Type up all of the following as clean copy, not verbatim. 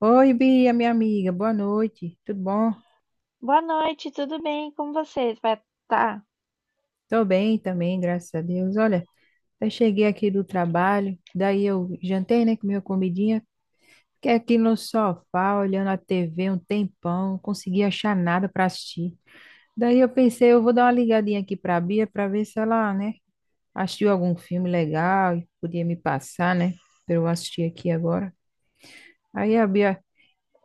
Oi, Bia, minha amiga, boa noite. Tudo bom? Boa noite, tudo bem? Como você vai tá? Tô bem também, graças a Deus. Olha, eu cheguei aqui do trabalho, daí eu jantei, né, com minha comidinha. Fiquei aqui no sofá, olhando a TV um tempão, não consegui achar nada para assistir. Daí eu pensei, eu vou dar uma ligadinha aqui pra Bia para ver se ela, né, assistiu algum filme legal e podia me passar, né, para eu assistir aqui agora. Aí a Bia.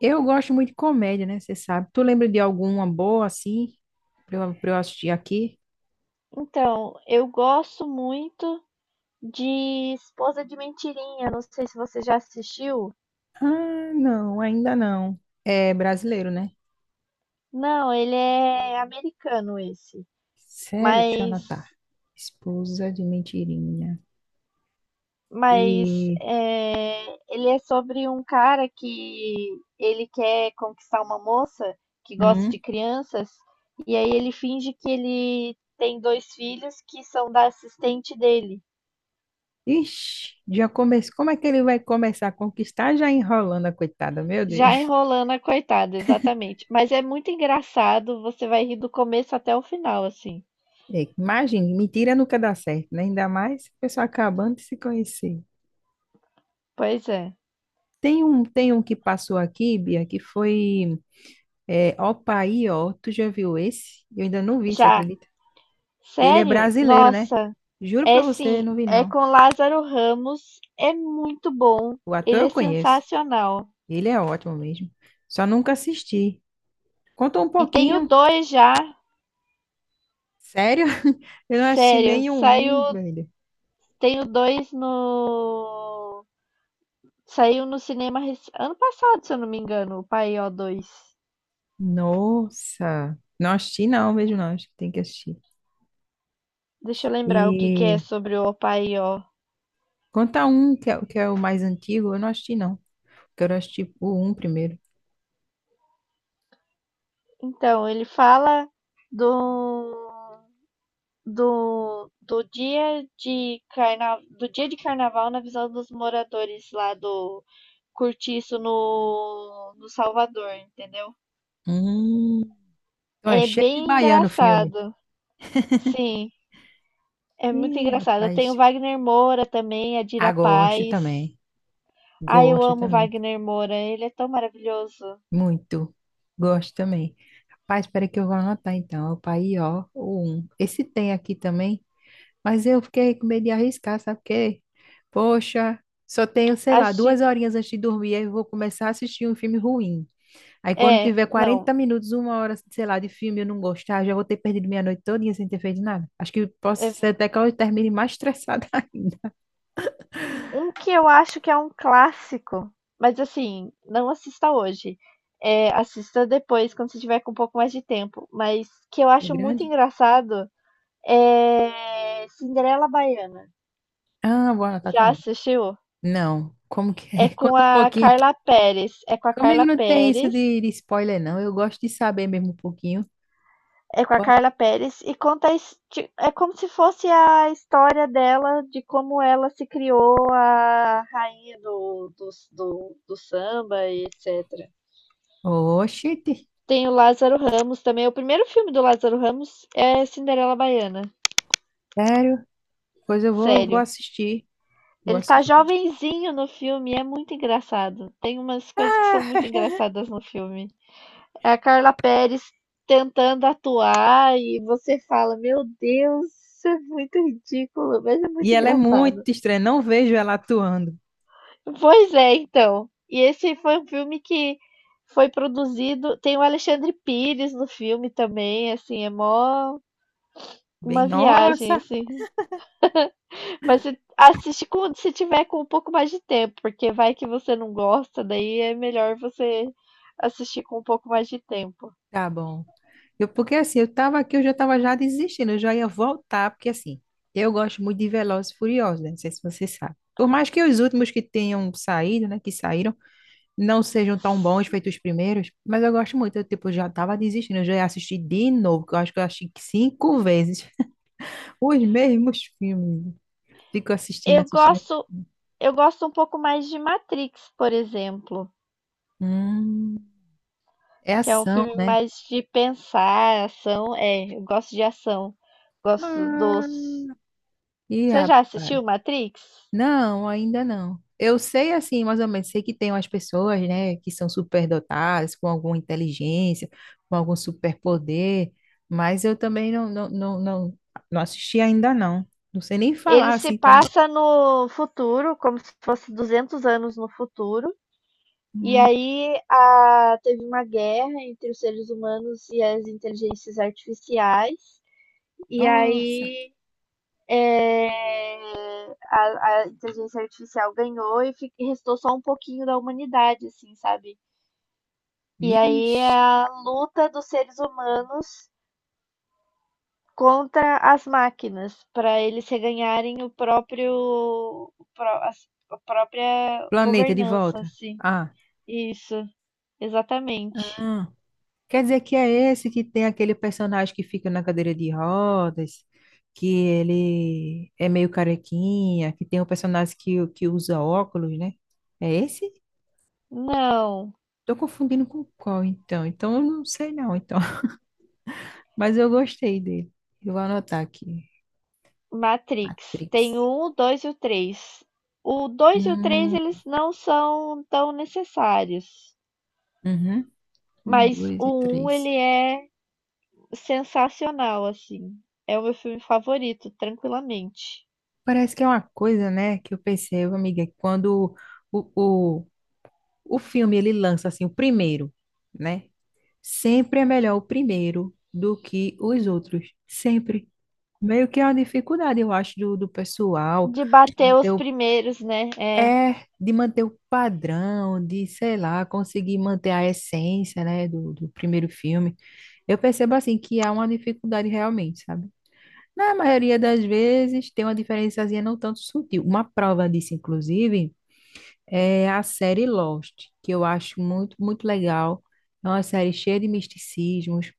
Eu gosto muito de comédia, né? Você sabe. Tu lembra de alguma boa assim pra eu assistir aqui? Então, eu gosto muito de Esposa de Mentirinha. Não sei se você já assistiu. Ah, não, ainda não. É brasileiro, né? Não, ele é americano esse, Sério, deixa eu mas anotar. Esposa de mentirinha. E. é, ele é sobre um cara que ele quer conquistar uma moça que gosta de Hum? crianças. E aí ele finge que ele tem dois filhos que são da assistente dele. Ixi, como é que ele vai começar a conquistar já enrolando a coitada? Meu Deus. Já enrolando a coitada, exatamente. Mas é muito engraçado, você vai rir do começo até o final, assim. É, imagine, mentira nunca dá certo, né? Ainda mais a pessoa acabando de se conhecer. Pois é. Tem um que passou aqui, Bia, que foi. É Opaí, ó. Tu já viu esse? Eu ainda não vi, você Já, acredita? E ele é sério? brasileiro, né? Nossa, Juro pra é você, sim, não vi é não. com Lázaro Ramos, é muito bom, O ator ele eu é conheço. sensacional. Ele é ótimo mesmo. Só nunca assisti. Conta um E tem o pouquinho. dois já, Sério? Eu não assisti sério, saiu, nenhum, velho. tem o dois no, saiu no cinema ano passado, se eu não me engano, o Paió 2. Nossa. Não assisti não, mesmo não. Acho que tem que assistir. Deixa eu lembrar o que que é E sobre o Paió. conta um que é o mais antigo. Eu não assisti não. Quero assistir o um primeiro. Então, ele fala do, do dia de do dia de carnaval na visão dos moradores lá do Cortiço no Salvador, entendeu? Hum. Então é É cheio de bem baiano o filme. engraçado. Sim, é muito Ih, engraçado. rapaz. Tem o Wagner Moura também, a Ah, Dira gosto Paz. também. Ai, eu Gosto amo o também. Wagner Moura, ele é tão maravilhoso. Muito. Gosto também. Rapaz, espera que eu vou anotar então. Opa, aí, ó, o um. Esse tem aqui também, mas eu fiquei com medo de arriscar, sabe por quê? Poxa, só tenho, sei lá, Acho, 2 horinhas antes de dormir, aí eu vou começar a assistir um filme ruim. Aí quando é, tiver não, 40 minutos, 1 hora, sei lá, de filme, eu não gostar, já vou ter perdido minha noite todinha sem ter feito nada. Acho que posso é, ser até que eu termine mais estressada ainda. Um que eu acho que é um clássico, mas assim, não assista hoje. É, assista depois, quando você tiver com um pouco mais de tempo. Mas que eu É acho muito grande? engraçado é Cinderela Baiana. Ah, vou anotar Já também. assistiu? Não, como que É é? com Conta um a pouquinho. Carla Pérez. É com a Comigo Carla não tem isso Pérez. de spoiler, não. Eu gosto de saber mesmo um pouquinho. É com a Pode-. Carla Pérez e conta a é como se fosse a história dela de como ela se criou a rainha do samba e etc. Oxente, Tem o Lázaro Ramos também. O primeiro filme do Lázaro Ramos é Cinderela Baiana. sério? Pois eu vou, vou Sério. assistir. Vou Ele tá assistir. jovenzinho no filme, é muito engraçado. Tem umas coisas que são muito engraçadas no filme. É a Carla Perez tentando atuar e você fala: Meu Deus, isso é muito ridículo, mas é E muito ela é engraçado. muito estranha, não vejo ela atuando. Pois é, então. E esse foi um filme que foi produzido. Tem o Alexandre Pires no filme também, assim, é mó Bem, uma viagem, nossa, assim. Mas você assiste quando se tiver com um pouco mais de tempo, porque vai que você não gosta, daí é melhor você assistir com um pouco mais de tempo. tá bom. Eu, porque assim, eu tava aqui, eu já tava já desistindo, eu já ia voltar, porque assim, eu gosto muito de Velozes e Furiosos, né? Não sei se você sabe. Por mais que os últimos que tenham saído, né, que saíram, não sejam tão bons feitos os primeiros, mas eu gosto muito. Eu, tipo, já tava desistindo, eu já assisti de novo, que eu acho que eu assisti 5 vezes os mesmos filmes. Fico assistindo, Eu assistindo. gosto, eu gosto um pouco mais de Matrix, por exemplo, Hum, é que é um ação, filme né? mais de pensar, ação. É, eu gosto de ação. Gosto Ah. dos. Ih, Você já rapaz. assistiu Matrix? Não, ainda não. Eu sei, assim, mais ou menos, sei que tem umas pessoas, né, que são superdotadas, com alguma inteligência, com algum superpoder, mas eu também não, não assisti ainda, não. Não sei nem Ele falar, se assim, como... passa no futuro, como se fosse 200 anos no futuro. E aí teve uma guerra entre os seres humanos e as inteligências artificiais. E Nossa, aí é, a inteligência artificial ganhou e restou só um pouquinho da humanidade, assim, sabe? E aí é vixe. a luta dos seres humanos contra as máquinas, para eles reganharem o próprio, a própria Planeta de governança, volta. assim. Ah. Isso, exatamente. Ah, quer dizer que é esse que tem aquele personagem que fica na cadeira de rodas, que ele é meio carequinha, que tem um personagem que usa óculos, né? É esse? Não. Tô confundindo com qual, então. Então eu não sei não, então. Mas eu gostei dele. Eu vou anotar aqui. Matrix. Tem o Matrix. um, o dois e o três. O dois e o três Hum, eles não são tão necessários. uhum. Um, Mas dois e o um, três. ele é sensacional, assim. É o meu filme favorito, tranquilamente. Parece que é uma coisa, né, que eu percebo, amiga, que quando o, o filme ele lança assim o primeiro, né? Sempre é melhor o primeiro do que os outros, sempre. Meio que é uma dificuldade, eu acho, do pessoal De bater manter os o- primeiros, né? É. é de manter o padrão, de, sei lá, conseguir manter a essência, né, do primeiro filme. Eu percebo assim que há uma dificuldade realmente, sabe? Na maioria das vezes tem uma diferençazinha não tanto sutil. Uma prova disso, inclusive, é a série Lost, que eu acho muito, muito legal. É uma série cheia de misticismos.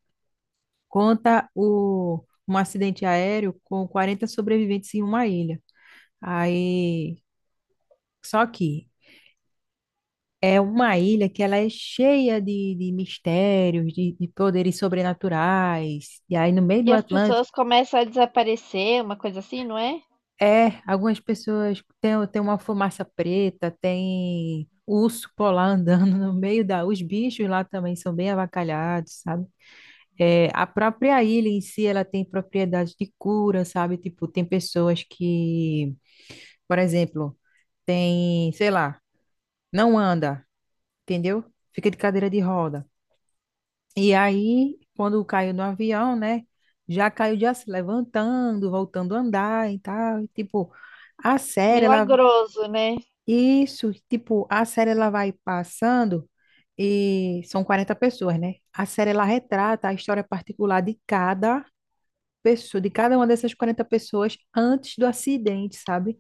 Conta um acidente aéreo com 40 sobreviventes em uma ilha. Aí, só que é uma ilha que ela é cheia de mistérios, de poderes sobrenaturais. E aí, no meio do E as Atlântico, pessoas começam a desaparecer, uma coisa assim, não é? é, algumas pessoas têm, têm uma fumaça preta, tem urso polar andando no meio da... Os bichos lá também são bem avacalhados, sabe? É, a própria ilha em si, ela tem propriedades de cura, sabe? Tipo, tem pessoas que, por exemplo, tem, sei lá, não anda, entendeu? Fica de cadeira de roda. E aí, quando caiu no avião, né? Já caiu já se levantando, voltando a andar e tal. E, tipo, a série, ela... Milagroso, né? Isso, tipo, a série, ela vai passando e são 40 pessoas, né? A série, ela retrata a história particular de cada pessoas, de cada uma dessas 40 pessoas antes do acidente, sabe?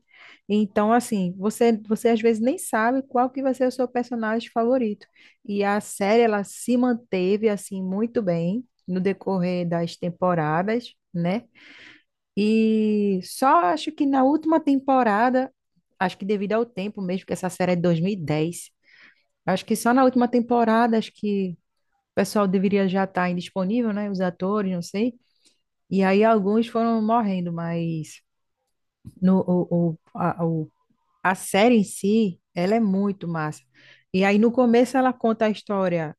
Então, assim, você, você às vezes nem sabe qual que vai ser o seu personagem favorito. E a série, ela se manteve, assim, muito bem no decorrer das temporadas, né? E só acho que na última temporada, acho que devido ao tempo mesmo, que essa série é de 2010, acho que só na última temporada, acho que o pessoal deveria já estar indisponível, né? Os atores, não sei. E aí alguns foram morrendo, mas no, o- a série em si, ela é muito massa. E aí no começo ela conta a história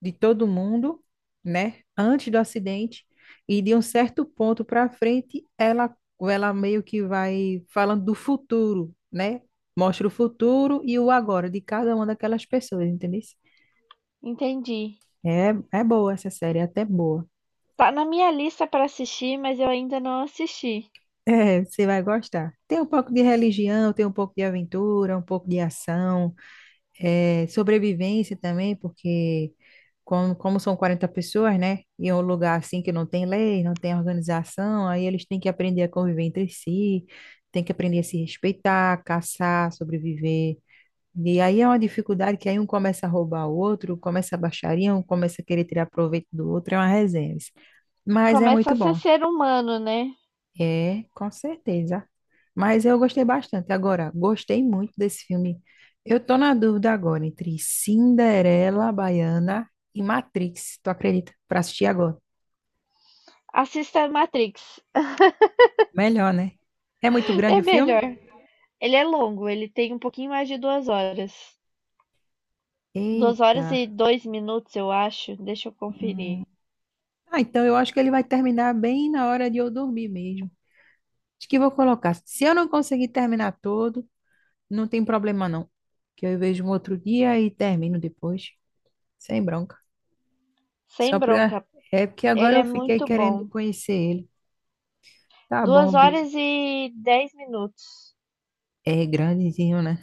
de todo mundo, né? Antes do acidente, e de um certo ponto para frente, ela meio que vai falando do futuro, né? Mostra o futuro e o agora de cada uma daquelas pessoas, entendeu? Entendi. É, é boa essa série, é até boa. Tá na minha lista para assistir, mas eu ainda não assisti. É, você vai gostar. Tem um pouco de religião, tem um pouco de aventura, um pouco de ação, é, sobrevivência também, porque como, como são 40 pessoas, né? E é um lugar assim que não tem lei, não tem organização, aí eles têm que aprender a conviver entre si, têm que aprender a se respeitar, caçar, sobreviver. E aí é uma dificuldade que aí um começa a roubar o outro, começa a baixaria, um começa a querer tirar proveito do outro, é uma resenha. Mas é Começa muito a bom. ser humano, né? É, com certeza. Mas eu gostei bastante. Agora, gostei muito desse filme. Eu tô na dúvida agora entre Cinderela Baiana e Matrix. Tu acredita? Pra assistir agora. Assista Matrix. Melhor, né? É muito grande É o melhor. filme? Ele é longo, ele tem um pouquinho mais de duas horas. Duas horas Eita. e dois minutos, eu acho. Deixa eu Hum. conferir. Ah, então eu acho que ele vai terminar bem na hora de eu dormir mesmo. Acho que vou colocar. Se eu não conseguir terminar todo, não tem problema não. Que eu vejo um outro dia e termino depois. Sem bronca. Sem Só pra. bronca. É porque agora Ele é eu fiquei muito querendo bom. conhecer ele. Tá bom, Duas Bia. horas e dez minutos. É grandezinho, né?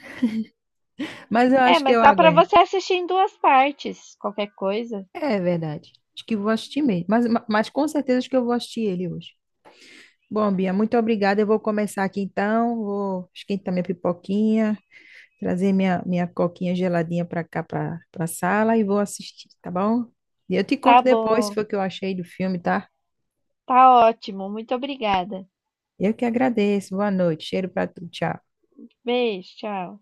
Mas eu É, acho que mas eu dá pra aguento. você assistir em duas partes. Qualquer coisa. É verdade. Acho que vou assistir mesmo. Mas, mas com certeza acho que eu vou assistir ele hoje. Bom, Bia, muito obrigada. Eu vou começar aqui então. Vou esquentar minha pipoquinha, trazer minha coquinha geladinha para cá, para pra sala e vou assistir, tá bom? E eu te Tá conto depois se bom. foi o que eu achei do filme, tá? Tá ótimo. Muito obrigada. Eu que agradeço. Boa noite. Cheiro para tu. Tchau. Beijo, tchau.